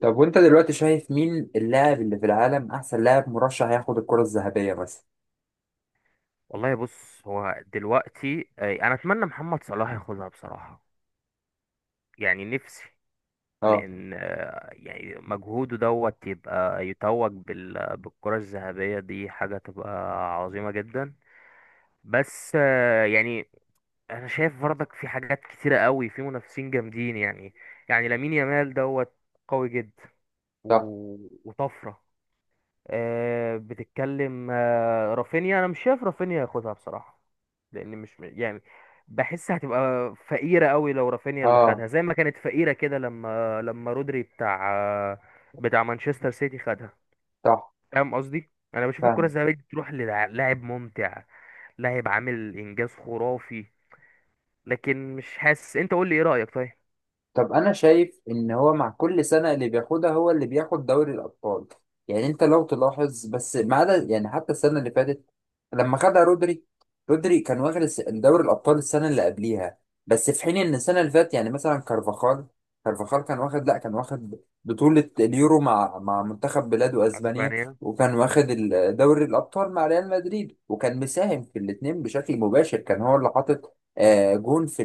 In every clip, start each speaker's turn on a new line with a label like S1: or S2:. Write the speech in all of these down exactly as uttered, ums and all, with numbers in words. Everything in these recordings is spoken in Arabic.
S1: طب وانت دلوقتي شايف مين اللاعب اللي في العالم احسن لاعب مرشح ياخد الكرة الذهبية مثلا؟
S2: والله بص هو دلوقتي آه، انا اتمنى محمد صلاح ياخدها بصراحة. يعني نفسي.
S1: اه.
S2: لان آه، يعني مجهوده دوت يبقى يتوج بال- بالكرة الذهبية، دي حاجة تبقى عظيمة جدا. بس آه، يعني انا شايف برضك في حاجات كتيرة قوي، في منافسين جامدين يعني. يعني لامين يامال دوت قوي جدا.
S1: صح.
S2: و- وطفرة. آه، بتتكلم. آه، رافينيا انا مش شايف رافينيا ياخدها بصراحه. لان مش يعني بحس هتبقى فقيره قوي لو رافينيا اللي
S1: اه.
S2: خدها، زي ما كانت فقيره كده لما لما رودري بتاع آه، بتاع مانشستر سيتي خدها.
S1: صح.
S2: فاهم قصدي، انا بشوف الكره
S1: فاهم.
S2: الذهبيه دي تروح للاعب ممتع، لاعب عامل انجاز خرافي. لكن مش حاسس. انت قول لي ايه رايك طيب.
S1: طب انا شايف ان هو مع كل سنه اللي بياخدها هو اللي بياخد دوري الابطال. يعني انت لو تلاحظ، بس ما عدا يعني حتى السنه اللي فاتت لما خدها رودري. رودري كان واخد الس- دوري الابطال السنه اللي قبليها، بس في حين ان السنه اللي فاتت يعني مثلا كارفاخال. كارفاخال كان واخد لا كان واخد بطوله اليورو مع مع منتخب بلاده اسبانيا،
S2: اسبانيا.
S1: وكان
S2: مم.
S1: واخد ال- دوري الابطال مع ريال مدريد، وكان مساهم في الاثنين بشكل مباشر. كان هو اللي حاطط آه، جون في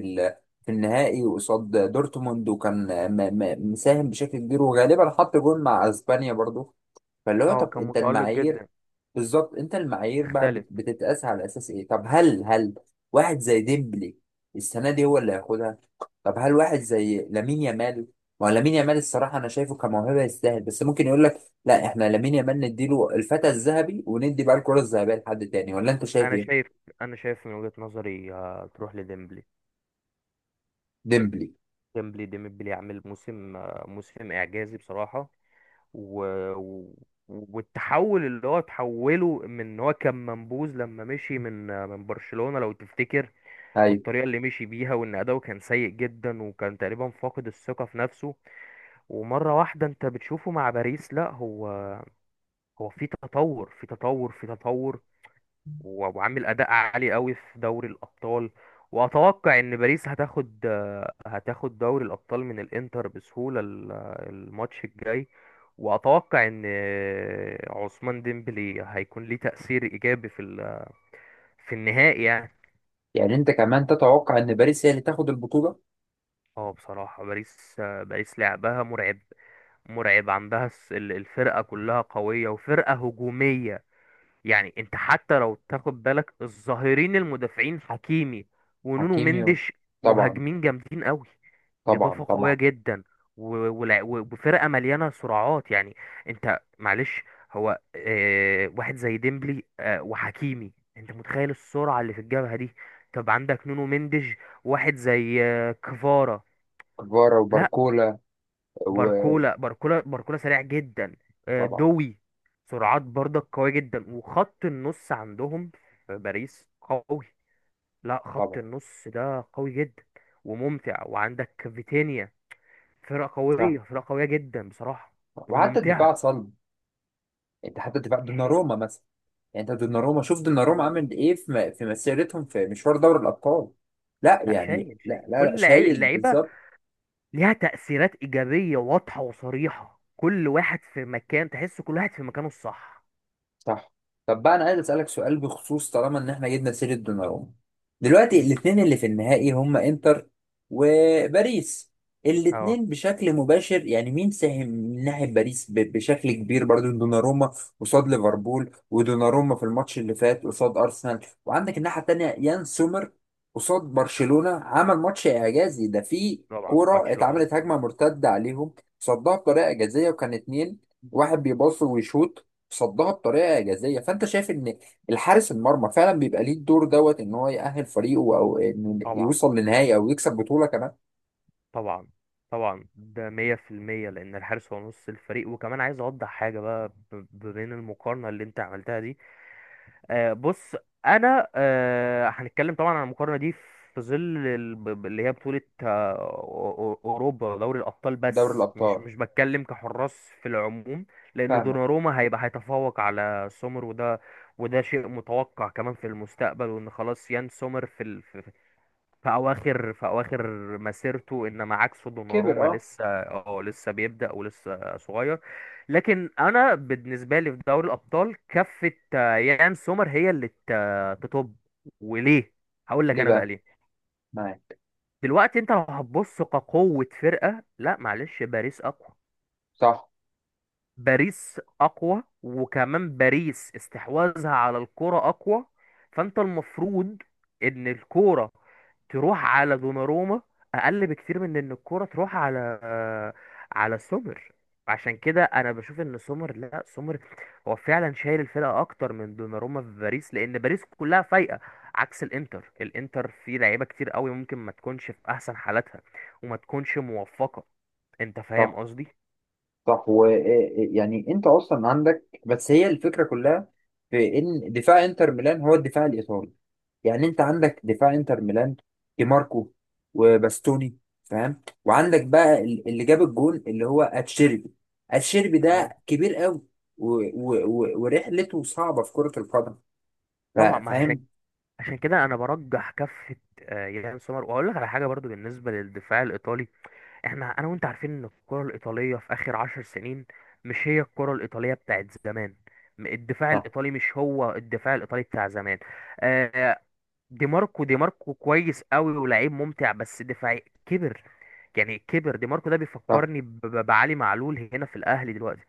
S1: في النهائي قصاد دورتموند، وكان م- م- مساهم بشكل كبير، وغالبا حط جول مع اسبانيا برضو. فاللي هو
S2: اه،
S1: طب
S2: كان
S1: انت
S2: متألق
S1: المعايير.
S2: جدا.
S1: بالظبط، انت المعايير بقى
S2: تختلف.
S1: بت- بتتقاس على اساس ايه؟ طب هل هل واحد زي ديمبلي السنه دي هو اللي هياخدها؟ طب هل واحد زي لامين يامال؟ ما هو لامين يامال، الصراحه انا شايفه كموهبه يستاهل، بس ممكن يقول لك لا، احنا لامين يامال نديله الفتى الذهبي، وندي بقى الكره الذهبيه لحد تاني. ولا انت شايف
S2: انا
S1: ايه؟
S2: شايف انا شايف من وجهة نظري آه، تروح لديمبلي.
S1: ديمبلي.
S2: ديمبلي ديمبلي عامل موسم، موسم اعجازي بصراحه. و... و... والتحول، اللي هو تحوله من ان هو كان منبوذ لما مشي من من برشلونه لو تفتكر.
S1: ايوه.
S2: والطريقه اللي مشي بيها، وان اداؤه كان سيء جدا وكان تقريبا فاقد الثقه في نفسه. ومره واحده انت بتشوفه مع باريس، لا هو، هو في تطور في تطور في تطور. و- وعامل اداء عالي قوي في دوري الابطال. واتوقع ان باريس هتاخد آه، هتاخد دوري الابطال من الانتر بسهوله. ال- الماتش الجاي. واتوقع ان آه، عثمان ديمبلي هيكون ليه تاثير ايجابي في ال- في النهائي يعني.
S1: يعني انت كمان تتوقع ان باريس هي اللي تاخد البطوله؟
S2: اه بصراحه باريس، آه، باريس لعبها مرعب. مرعب. عندها الس- ال- الفرقه كلها قويه، وفرقه هجوميه. يعني انت حتى لو تاخد بالك، الظاهرين المدافعين حكيمي ونونو
S1: حكيميو.
S2: مندش.
S1: طبعا،
S2: مهاجمين جامدين قوي،
S1: طبعا،
S2: اضافه قويه
S1: طبعا.
S2: جدا. و- ولا- و- وفرقه مليانه سرعات يعني. انت معلش، هو اه واحد زي ديمبلي، اه وحكيمي، انت متخيل السرعه اللي في الجبهه دي؟ طب عندك نونو مندش، واحد زي اه كفارا.
S1: كفارا
S2: لا،
S1: وباركولا. وطبعا.
S2: وباركولا. باركولا باركولا سريع جدا. آه، دوي، سرعات برضك قوية جدا. وخط النص عندهم في باريس قوي. لا، خط
S1: طبعا.
S2: النص ده قوي جدا وممتع، وعندك فيتينيا. فرقة
S1: صح،
S2: قوية. فرقة قوية جدا بصراحة
S1: وحتى
S2: وممتعة.
S1: الدفاع صلب. انت حتى الدفاع،
S2: هي.
S1: دوناروما مثلا. يعني انت دوناروما، شوف دوناروما
S2: دوناروما،
S1: عمل ايه في م- في مسيرتهم في مشوار دوري الابطال. لا
S2: لا،
S1: يعني
S2: شايل
S1: لا،
S2: شايل
S1: لا، لا،
S2: كل لعيب-
S1: شايل
S2: اللعيبة.
S1: بالظبط.
S2: ليها تأثيرات إيجابية واضحة وصريحة. كل واحد في مكان، تحس كل واحد في مكانه الصح.
S1: صح. طب بقى انا عايز اسالك سؤال بخصوص، طالما ان احنا جبنا سيره دوناروما، دلوقتي
S2: مم.
S1: الاثنين اللي في النهائي هم انتر وباريس.
S2: اه،
S1: الاثنين بشكل مباشر. يعني مين ساهم من ناحيه باريس ب- بشكل كبير؟ برضو دوناروما قصاد ليفربول، ودوناروما في الماتش اللي فات قصاد ارسنال. وعندك الناحيه الثانيه يان سومر، قصاد برشلونه عمل ماتش اعجازي. ده في
S2: طبعا
S1: كوره
S2: ماتش العمر.
S1: اتعملت هجمه مرتده عليهم صدها بطريقه اعجازيه، وكان اتنين واحد بيباص ويشوط، صدها بطريقه اعجازيه. فانت شايف ان الحارس المرمى فعلا بيبقى ليه الدور دوت ان هو يأهل فريقه، او انه
S2: طبعا.
S1: يوصل لنهائي، او يكسب بطوله كمان،
S2: طبعا. طبعا، ده مية في المية، لأن الحارس هو نص الفريق. وكمان عايز أوضح حاجة بقى ب- ب- بين المقارنة اللي أنت عملتها دي. آه بص، أنا آه هنتكلم طبعا عن المقارنة دي في ظل ال- ب- ب- اللي هي بطولة آه أو- أو- أوروبا ودوري الأبطال.
S1: دوري
S2: بس
S1: الابطال.
S2: مش مش بتكلم كحراس في العموم. لأن
S1: فاهمك.
S2: دوناروما هيبقى هيتفوق على سومر، وده وده شيء متوقع كمان في المستقبل. وإن خلاص يان سومر في في اواخر في اواخر مسيرته، انما عكسه دوناروما
S1: كبر، اه.
S2: لسه اه لسه بيبدأ ولسه صغير. لكن انا بالنسبه لي في دوري الابطال، كفه آه، يان سومر هي اللي ت- تطب. وليه؟ هقول لك
S1: ليه
S2: انا بقى
S1: بقى؟
S2: ليه.
S1: معاك.
S2: دلوقتي انت لو هتبص كقوه فرقه، لا معلش، باريس اقوى.
S1: صح،
S2: باريس اقوى، وكمان باريس استحواذها على الكرة اقوى. فانت المفروض ان الكرة تروح على دوناروما اقل بكتير من ان الكرة تروح على آه، على سومر. عشان كده انا بشوف ان سومر، لا، سومر هو فعلا شايل الفرقة اكتر من دوناروما في باريس، لان باريس كلها فايقة عكس الانتر الانتر فيه لعيبة كتير قوي، ممكن ما تكونش في احسن حالاتها وما تكونش موفقة. انت فاهم
S1: صح،
S2: قصدي.
S1: صح. ويعني انت اصلا عندك، بس هي الفكره كلها في ان دفاع انتر ميلان هو الدفاع الايطالي. يعني انت عندك دفاع انتر ميلان، دي ماركو وباستوني، فاهم؟ وعندك بقى ال- اللي جاب الجون اللي هو اتشيربي. اتشيربي
S2: اه
S1: ده كبير قوي، و... و... و... ورحلته صعبه في كره القدم. ف-
S2: طبعا، ما عشان
S1: فاهم.
S2: عشان كده انا برجح كفه آه، يان سومر. واقول لك على حاجه برضو بالنسبه للدفاع الايطالي. احنا انا وانت عارفين ان الكره الايطاليه في اخر عشر سنين مش هي الكره الايطاليه بتاعت زمان. م- الدفاع
S1: صح،
S2: الايطالي مش هو الدفاع الايطالي بتاع زمان. آه، دي ماركو دي ماركو كويس قوي ولاعيب ممتع، بس دفاعي كبر. يعني كبر. دي ماركو ده
S1: صح،
S2: بيفكرني ب- ب- بعلي معلول هنا في الاهلي دلوقتي.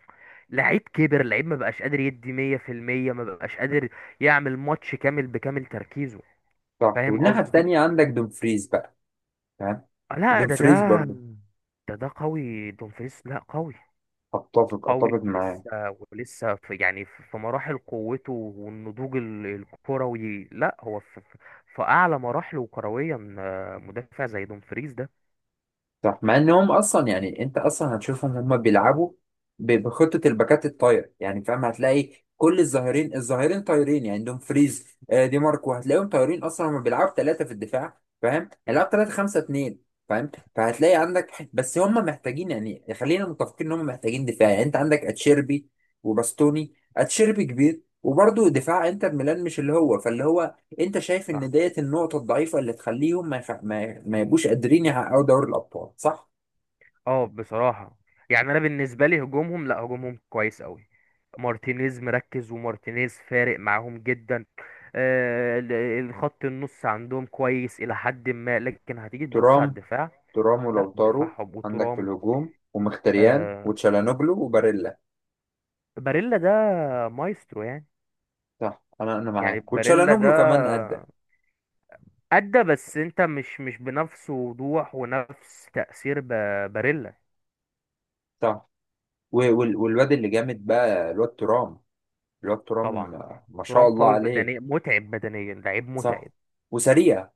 S2: لعيب كبر، لعيب ما بقاش قادر يدي مية في المية، ما بقاش قادر يعمل ماتش كامل بكامل تركيزه.
S1: صح.
S2: فاهم
S1: والناحيه
S2: قصدي.
S1: التانيه عندك دومفريز بقى، فاهم؟
S2: لا، ده
S1: دومفريز
S2: ده
S1: برضه.
S2: ده ده قوي. دومفريس لا قوي،
S1: اتفق
S2: قوي.
S1: اتفق معاه.
S2: ولسه ولسه في، يعني في في مراحل قوته والنضوج ال- الكروي. لا هو في، في في اعلى مراحله كرويا. آه، مدافع زي دومفريس ده.
S1: صح، مع انهم اصلا يعني انت اصلا هتشوفهم هم بيلعبوا ب- بخطه الباكات الطاير، يعني فاهم، هتلاقي كل الظاهرين الظاهرين طايرين. يعني عندهم فريز، آه، دي ماركو، هتلاقيهم طايرين، اصلا هم بيلعبوا ثلاثه في الدفاع، فاهم؟
S2: مم،
S1: هيلعبوا ثلاثه خمسه اثنين، فاهم. فهتلاقي عندك، بس هم محتاجين، يعني خلينا متفقين ان هم محتاجين دفاع. يعني انت عندك اتشيربي وباستوني، اتشيربي كبير، وبرضه دفاع انتر ميلان مش اللي هو فاللي هو، انت شايف
S2: صح.
S1: ان ديت النقطه الضعيفه اللي تخليهم ما يخ... ما, ما يبقوش قادرين يحققوا دوري الابطال، صح؟
S2: اه بصراحة، يعني انا بالنسبة لي هجومهم، لا، هجومهم كويس قوي. مارتينيز مركز، ومارتينيز فارق معاهم جدا. آه، ال- الخط النص عندهم كويس الى حد ما، لكن هتيجي تبص على
S1: ترام.
S2: الدفاع.
S1: ترام
S2: لا،
S1: ولوتارو.
S2: دفاعهم.
S1: عندك في
S2: وترام.
S1: الهجوم ومختريان
S2: آه
S1: وتشالانوجلو وباريلا.
S2: باريلا ده مايسترو يعني.
S1: صح، انا انا
S2: يعني
S1: معاك.
S2: باريلا ده
S1: وتشالانوجلو كمان ادى.
S2: أدى، بس أنت مش مش بنفس وضوح ونفس تأثير ب- باريلا.
S1: صح. و- وال- والواد اللي جامد بقى، الواد ترام. الواد
S2: طبعا.
S1: ترام، آه، ما شاء
S2: ترام
S1: الله
S2: قوي
S1: عليه.
S2: بدنيا، متعب بدنيا، لعيب
S1: صح،
S2: متعب
S1: وسريع.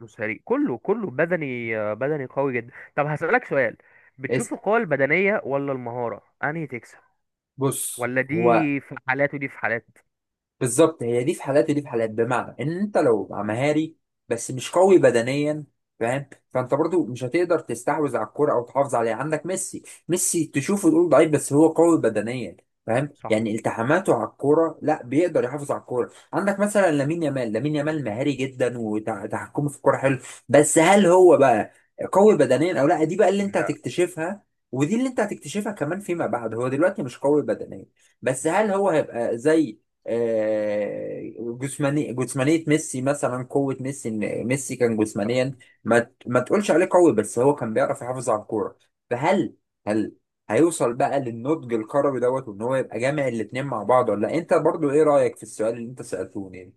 S2: وسريع. كله كله بدني، آه، بدني قوي جدا. طب هسألك سؤال، بتشوف
S1: اسأل.
S2: القوة البدنية ولا المهارة أنهي تكسب؟
S1: بص
S2: ولا دي
S1: هو.
S2: في حالات ودي في حالات.
S1: بالظبط، هي دي في حالات ودي في حالات. بمعنى ان انت لو مع مهاري بس مش قوي بدنيا، فاهم، فانت برضو مش هتقدر تستحوذ على الكرة او تحافظ عليها. عندك ميسي، ميسي تشوفه تقول ضعيف، بس هو قوي بدنيا، فاهم؟
S2: صح.
S1: يعني التحاماته على الكوره، لا بيقدر يحافظ على الكوره. عندك مثلا لامين يامال، لامين يامال مهاري جدا، وتحكمه في الكوره حلو، بس هل هو بقى قوي بدنيا او لا؟ دي بقى اللي انت هتكتشفها، ودي اللي انت هتكتشفها كمان فيما بعد. هو دلوقتي مش قوي بدنيا، بس هل هو هيبقى زي آه، جسماني جسمانية ميسي مثلا؟ قوة ميسي ان ميسي كان
S2: لا
S1: جسمانيا، ما ت- ما تقولش عليه قوي، بس هو كان بيعرف يحافظ على الكورة. فهل، هل هيوصل بقى للنضج الكروي دوت وان هو يبقى جامع الاتنين مع بعض ولا لا؟ انت برضو ايه رأيك في السؤال اللي انت سألتوني يعني؟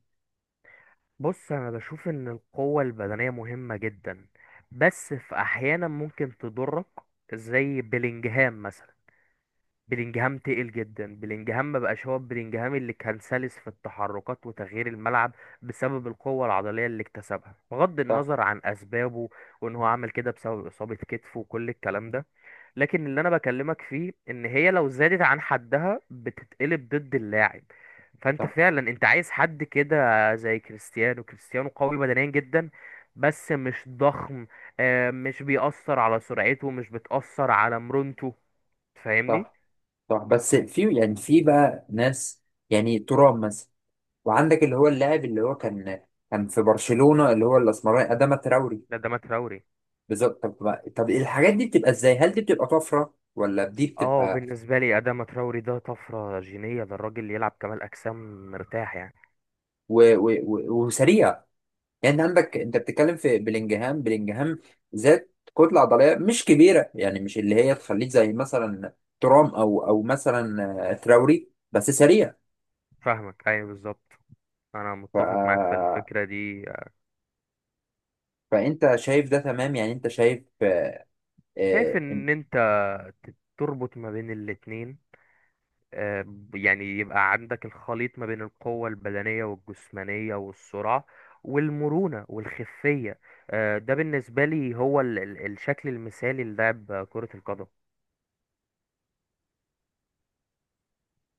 S2: بص، انا بشوف ان القوة البدنية مهمة جدا، بس في احيانا ممكن تضرك. زي بيلينجهام مثلا. بيلينجهام تقل جدا. بيلينجهام ما بقاش هو بيلينجهام اللي كان سلس في التحركات وتغيير الملعب، بسبب القوة العضلية اللي اكتسبها، بغض
S1: صح،
S2: النظر عن اسبابه وان هو عمل كده بسبب اصابة كتفه وكل الكلام ده. لكن اللي انا بكلمك فيه، ان هي لو زادت عن حدها بتتقلب ضد اللاعب. فانت
S1: صح،
S2: فعلا انت عايز حد كده زي كريستيانو. كريستيانو قوي بدنيا جدا بس مش ضخم. آه، مش بيأثر على سرعته، مش بتأثر على مرونته. فاهمني.
S1: صح، صح. بس في يعني في بقى ناس، يعني ترام مثلا. وعندك اللي هو اللاعب اللي هو كان كان في برشلونة اللي هو الاسمراني أداما تراوري.
S2: ده ده، ما تراوري.
S1: بالظبط. طب بقى- طب الحاجات دي بتبقى ازاي؟ هل دي بتبقى طفره ولا دي
S2: اه،
S1: بتبقى
S2: بالنسبة لي أداما تراوري ده طفرة جينية. ده الراجل يلعب كمال أجسام مرتاح يعني.
S1: و... و... و... وسريعه؟ يعني انت عندك، انت بتتكلم في بلينجهام، بلينجهام ذات كتله عضليه مش كبيره، يعني مش اللي هي تخليك زي مثلا ترام او او مثلا آه، تراوري بس سريع.
S2: فاهمك، أيوه بالظبط. أنا
S1: ف...
S2: متفق معاك في الفكرة دي.
S1: فانت شايف ده تمام؟ يعني انت شايف
S2: شايف
S1: آه،
S2: ان انت ت- تربط ما بين الاتنين. آه، ب- يعني يبقى عندك الخليط ما بين القوة البدنية والجسمانية والسرعة والمرونة والخفية. آه، ده بالنسبة لي هو ال- ال- الشكل المثالي للعب كرة القدم.